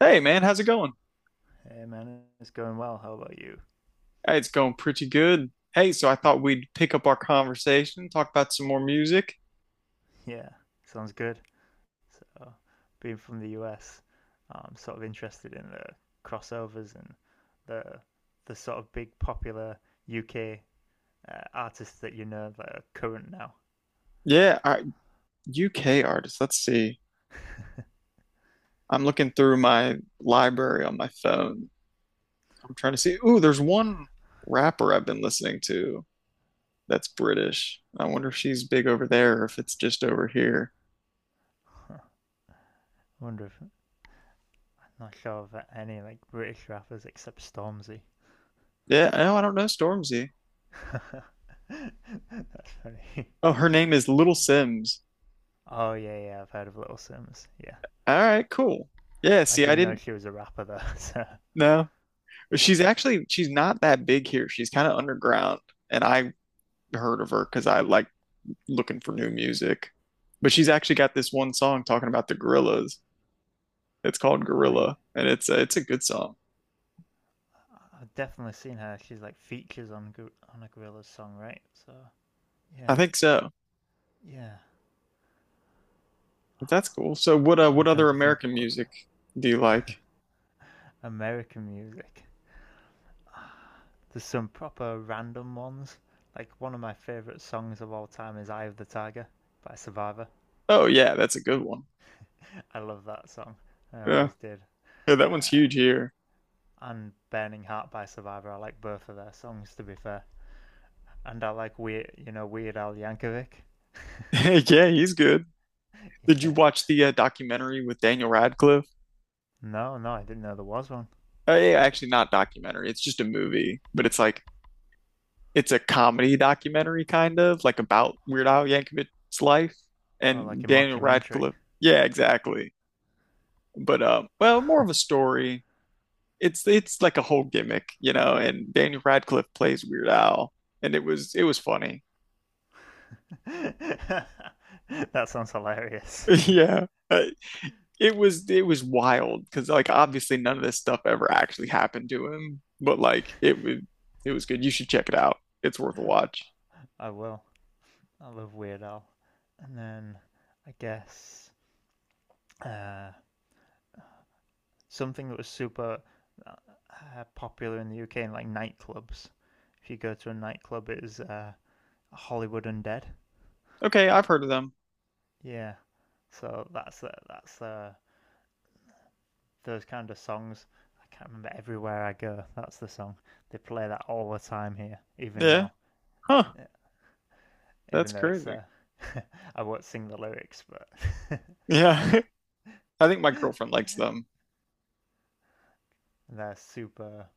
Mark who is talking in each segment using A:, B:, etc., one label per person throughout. A: Hey man, how's it going?
B: Hey man, it's going well. How about you?
A: Hey, it's going pretty good. Hey, so I thought we'd pick up our conversation, talk about some more music.
B: Yeah, sounds good. So, being from the US, I'm sort of interested in the crossovers and the the sort of big popular UK artists that you know that are current now.
A: Yeah, I, UK artists. Let's see. I'm looking through my library on my phone. I'm trying to see. Ooh, there's one rapper I've been listening to that's British. I wonder if she's big over there or if it's just over here.
B: I wonder if not sure of any like British rappers except Stormzy.
A: Yeah, no, I don't know Stormzy.
B: That's funny.
A: Oh, her name is Little Sims.
B: Oh yeah, yeah, I've heard of Little Sims. Yeah,
A: All right, cool. Yeah,
B: I
A: see, I
B: didn't know
A: didn't
B: she was a rapper though. So.
A: know. She's not that big here. She's kind of underground, and I heard of her because I like looking for new music. But she's actually got this one song talking about the gorillas. It's called
B: Oh yeah,
A: Gorilla, and it's a good song.
B: I've definitely seen her. She's like features on a Gorilla's song, right? So
A: I
B: yeah,
A: think so.
B: yeah.
A: But that's cool. So
B: I'm
A: what
B: trying
A: other
B: to think of
A: American
B: what
A: music do you like?
B: American music. There's some proper random ones. Like one of my favorite songs of all time is "Eye of the Tiger" by Survivor.
A: Oh yeah, that's a good one.
B: I love that song. I
A: Yeah,
B: always did.
A: yeah, that one's
B: Uh,
A: huge here.
B: and "Burning Heart" by Survivor. I like both of their songs, to be fair. And I like weird, you know, Weird Al Yankovic.
A: Yeah, he's good. Did you
B: Yeah.
A: watch the documentary with Daniel Radcliffe?
B: No, no, I didn't know there was one.
A: Yeah, actually, not documentary. It's just a movie, but it's a comedy documentary kind of like about Weird Al Yankovic's life
B: Oh,
A: and
B: like a
A: Daniel
B: mockumentary.
A: Radcliffe. Yeah, exactly. But well, more of a story. It's like a whole gimmick, you know. And Daniel Radcliffe plays Weird Al, and it was funny.
B: That sounds hilarious.
A: Yeah, it was wild because like obviously none of this stuff ever actually happened to him, but like it was good. You should check it out. It's worth a watch.
B: I will. I love Weird Al. And then I guess uh, something that was super uh, popular in the UK in like nightclubs. If you go to a nightclub, it is Hollywood Undead.
A: Okay, I've heard of them.
B: Yeah. So that's the those kind of songs. I can't remember everywhere I go. That's the song they play that all the time here, even
A: Yeah,
B: now.
A: huh?
B: Yeah.
A: That's
B: Even though it's
A: crazy.
B: I won't sing the lyrics, but.
A: Yeah. I think my girlfriend likes them.
B: They're super,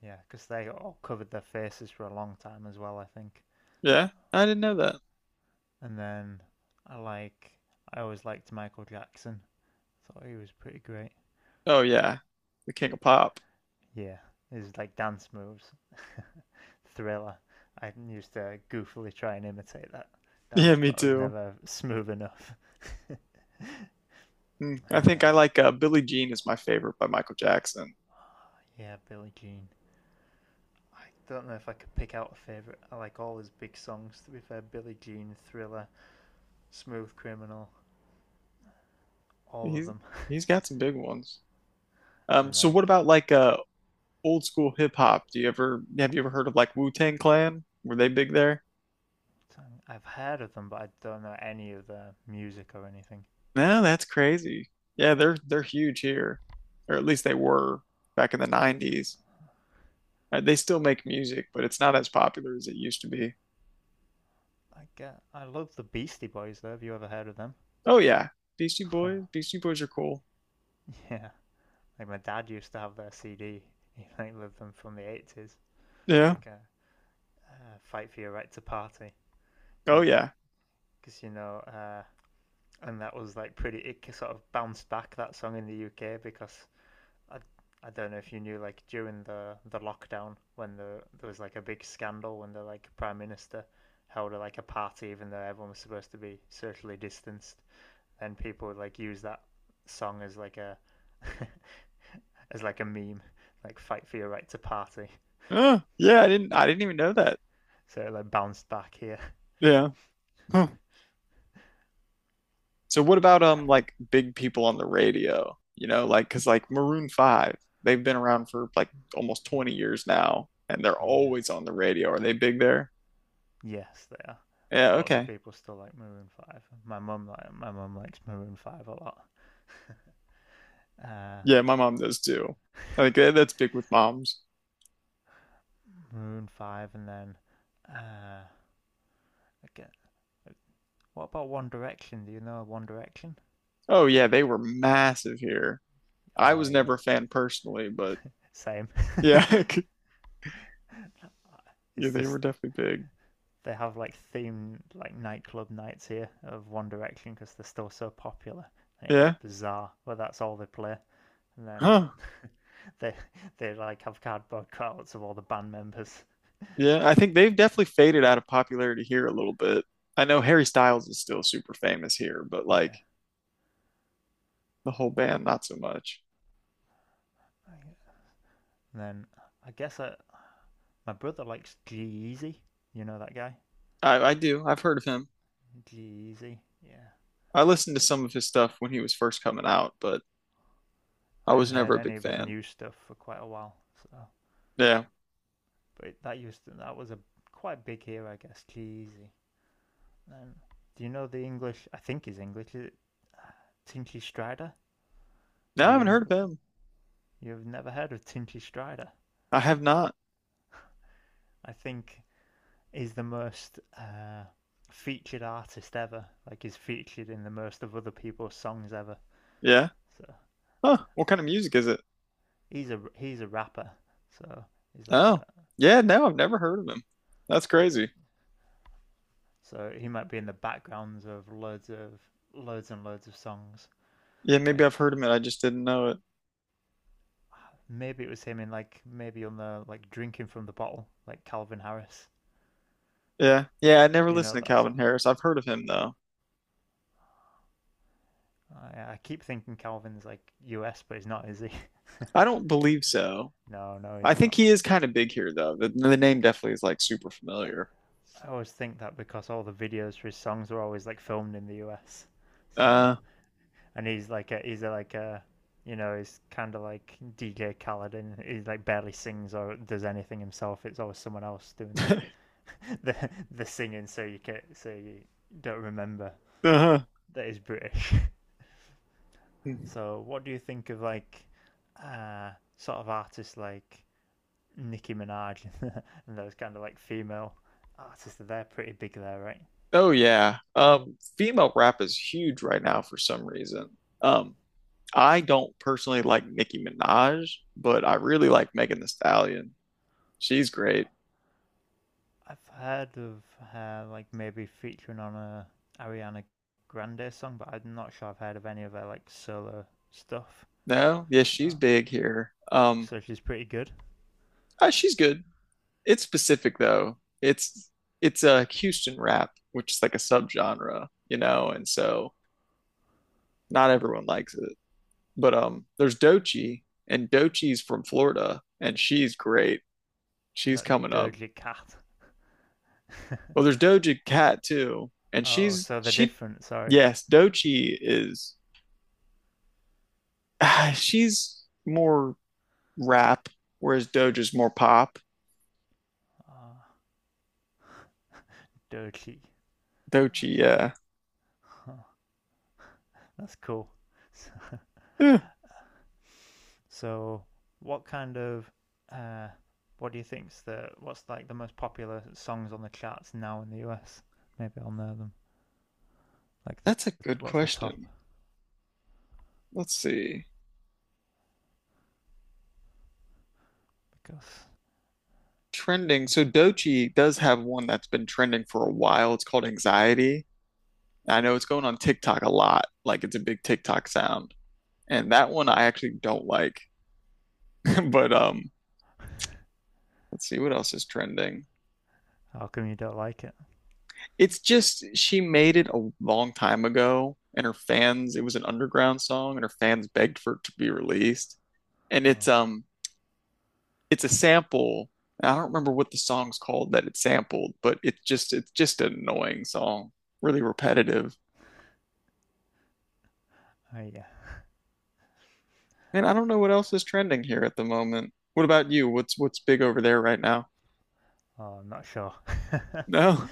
B: yeah, because they all covered their faces for a long time as well, I think.
A: Yeah, I didn't know that.
B: And then I like, I always liked Michael Jackson. Thought he was pretty great.
A: Oh
B: But
A: yeah, the King of Pop.
B: yeah, his like dance moves, thriller. I used to goofily try and imitate that
A: Yeah,
B: dance,
A: me
B: but I was
A: too.
B: never smooth enough.
A: Hmm. I think I
B: And
A: like Billie Jean is my favorite by Michael Jackson.
B: yeah, Billie Jean. I don't know if I could pick out a favorite. I like all his big songs. To be fair, Billie Jean, Thriller, Smooth Criminal, all of
A: He's
B: them.
A: he's got some big ones. Um,
B: And
A: so what
B: like
A: about like old school hip hop? Do you ever have you ever heard of like Wu-Tang Clan? Were they big there?
B: I've heard of them, but I don't know any of their music or anything.
A: No, that's crazy. Yeah, they're huge here, or at least they were back in the 90s. They still make music, but it's not as popular as it used to be.
B: I get. I love the Beastie Boys, though. Have you ever heard of them?
A: Oh yeah, Beastie Boys, Beastie Boys are cool.
B: Yeah. Like my dad used to have their CD. He like loved them from the 80s,
A: Yeah.
B: like "Fight for Your Right to Party,"
A: Oh
B: you
A: yeah.
B: because you know, and that was like pretty. It sort of bounced back that song in the UK because I, I don't know if you knew, like during the lockdown when the there was like a big scandal when the like prime minister held like a party even though everyone was supposed to be socially distanced, then people would like use that song as like a as like a meme, like fight for your right to party.
A: Oh, yeah, I didn't even know that.
B: So it like bounced back here.
A: Yeah. Huh. So what about like big people on the radio? You know, like 'cause like Maroon 5, they've been around for like almost 20 years now and they're
B: Yeah.
A: always on the radio. Are they big there?
B: Yes, they are.
A: Yeah,
B: Like lots of
A: okay.
B: people still like Maroon Five. My mum likes Maroon Five a lot. Uh,
A: Yeah, my mom does too. I think that's big with moms.
B: Maroon Five, and then uh, like, uh, what about One Direction? Do you know One Direction?
A: Oh yeah, they were massive here. I
B: Oh
A: was
B: yeah,
A: never a fan personally, but
B: same.
A: yeah, yeah,
B: It's
A: they were
B: just
A: definitely big.
B: they have like themed like nightclub nights here of One Direction because they're still so popular. And it is
A: Yeah.
B: bizarre, but that's all they play. And then
A: Huh.
B: they they like have cardboard cutouts of all the band members.
A: Yeah, I think they've definitely faded out of popularity here a little bit. I know Harry Styles is still super famous here, but like
B: Yeah.
A: the whole band, not so much.
B: And then I guess my brother likes G eazy. You know that guy?
A: I do. I've heard of him.
B: G eazy. Yeah.
A: I listened to some of his stuff when he was first coming out, but I
B: I haven't
A: was never
B: heard
A: a
B: any
A: big
B: of his
A: fan.
B: new stuff for quite a while, so
A: Yeah.
B: But that used to, that was a quite big here, I guess. Cheesy. Um, do you know the English? I think he's English. Is it Tinchy Strider? Is
A: No, I
B: he
A: haven't heard of
B: English?
A: him.
B: You've never heard of Tinchy Strider?
A: I have not.
B: I think he's the most featured artist ever. Like he's featured in the most of other people's songs ever.
A: Yeah.
B: So
A: Huh. What kind of music is it?
B: he's a rapper. So he's like
A: Oh,
B: a
A: yeah. No, I've never heard of him. That's
B: he's,
A: crazy.
B: so he might be in the backgrounds of loads and loads of songs.
A: Yeah, maybe I've
B: Like
A: heard of it. I just didn't know it.
B: maybe it was him in like maybe on the like drinking from the bottle, like Calvin Harris.
A: Yeah. Yeah, I never
B: Do you know
A: listened to
B: that
A: Calvin
B: song?
A: Harris. I've heard of him
B: Oh,
A: though.
B: I keep thinking Calvin's like US, but he's not, is he?
A: I don't believe so.
B: No, no,
A: I
B: he's
A: think
B: not.
A: he is kind of big here, though. The name definitely is like super familiar.
B: I always think that because all the videos for his songs are always like filmed in the US. So
A: Uh,
B: and he's like like a you know he's kind of like DJ Khaled and he like barely sings or does anything himself. It's always someone else doing the the, the singing, so you can so you don't remember
A: uh-huh.
B: that he's British. So, what do you think of like uh, sort of artists like Nicki Minaj and those kind of like female artists? They're pretty big there, right?
A: Oh yeah. Female rap is huge right now for some reason. Um, I don't personally like Nicki Minaj, but I really like Megan Thee Stallion. She's great.
B: I've heard of her like maybe featuring on a Ariana Grande song, but I'm not sure I've heard of any of her like solo stuff.
A: No, yes, she's
B: So,
A: big here.
B: so she's pretty good.
A: She's good. It's specific though. It's a Houston rap, which is like a subgenre, you know, and so not everyone likes it. But there's Dochi, and Dochi's from Florida, and she's great. She's
B: That
A: coming up.
B: dirty cat.
A: Well, there's Doja Cat too, and
B: Oh, so they're different. Sorry.
A: yes, Dochi is she's more rap, whereas Doja's more pop.
B: Oh, dirty. I
A: Dochi,
B: see.
A: yeah.
B: Oh, that's cool.
A: Eh,
B: So, what kind of uh, what do you think's the what's like the most popular songs on the charts now in the US? Maybe I'll know them. Like the
A: that's a good
B: what's the top?
A: question. Let's see.
B: Because
A: Trending. So Dochi does have one that's been trending for a while. It's called Anxiety. I know it's going on TikTok a lot. Like it's a big TikTok sound. And that one I actually don't like. But let's see what else is trending.
B: how come you don't like it?
A: It's just she made it a long time ago, and her fans. It was an underground song, and her fans begged for it to be released. And it's
B: Oh,
A: It's a sample. I don't remember what the song's called that it sampled, but it's just an annoying song, really repetitive.
B: oh yeah.
A: And I don't know what else is trending here at the moment. What about you? What's big over there right now?
B: Oh, I'm not sure.
A: No,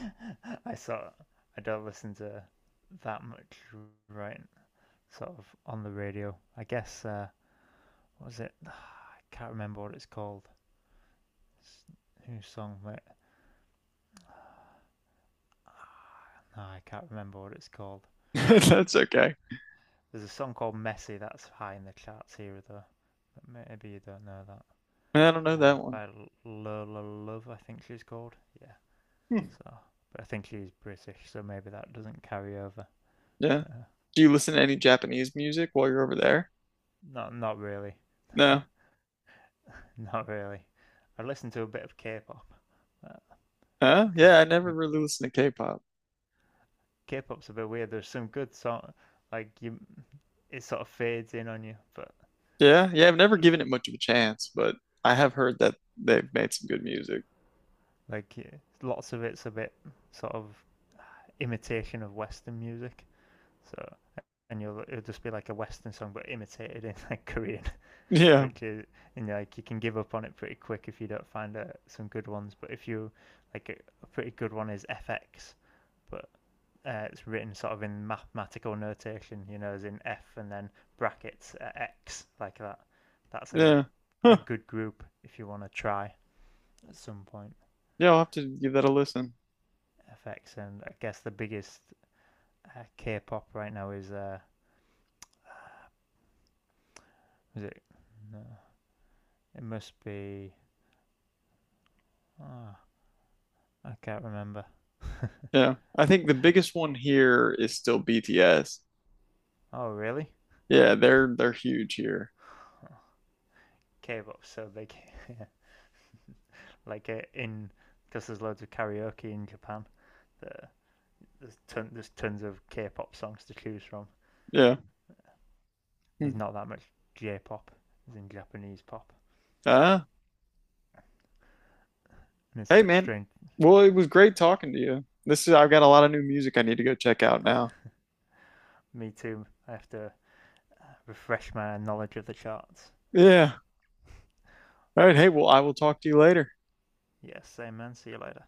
B: I sort of- I don't listen to that much right sort of on the radio. I guess what was it? Oh, I can't remember what it's called. It's, whose song? Wait, no, I can't remember what it's called.
A: that's okay.
B: There's a song called Messy that's high in the charts here, though. But maybe you don't know that.
A: I don't know that one.
B: By Lola Love, I think she's called. Yeah.
A: Hmm.
B: So, but I think she's British, so maybe that doesn't carry over.
A: Yeah.
B: So,
A: Do you listen to any Japanese music while you're over there?
B: not, not really.
A: No.
B: Not really. I listened to a bit of K-pop
A: Huh?
B: because
A: Yeah, I never
B: like,
A: really listened to K-pop.
B: K-pop's a bit weird. There's some good song, like you, it sort of fades in on you. But
A: Yeah, yeah, I've never
B: if
A: given
B: you
A: it much of a chance, but I have heard that they've made some good music.
B: like, yeah, lots of it's a bit sort of imitation of Western music. So and you'll it'll just be like a Western song, but imitated in like Korean,
A: Yeah,
B: which is and like you can give up on it pretty quick if you don't find some good ones. But if you like a pretty good one is FX, but it's written sort of in mathematical notation, you know, as in F and then brackets X like that. That's
A: yeah.
B: a
A: Huh.
B: good group if you want to try at some point.
A: Yeah, I'll have to give that a listen.
B: FX and I guess the biggest K-pop right now is it? No, it must be. Ah, I can't remember.
A: Yeah. I think the biggest one here is still BTS.
B: Oh, really?
A: Yeah, they're huge here.
B: K-pop, so they can, like in because there's loads of karaoke in Japan. There, there's tons of K-pop songs to choose from.
A: Yeah.
B: There's
A: Hmm.
B: not that much J-pop, as in Japanese pop,
A: Uh,
B: and it's a
A: Hey
B: bit
A: man.
B: strange.
A: Well, it was great talking to you. This is I've got a lot of new music I need to go check out now.
B: Me too. I have to refresh my knowledge of the charts. So,
A: Yeah. All right, hey, well, I will talk to you later.
B: yeah, same man. See you later.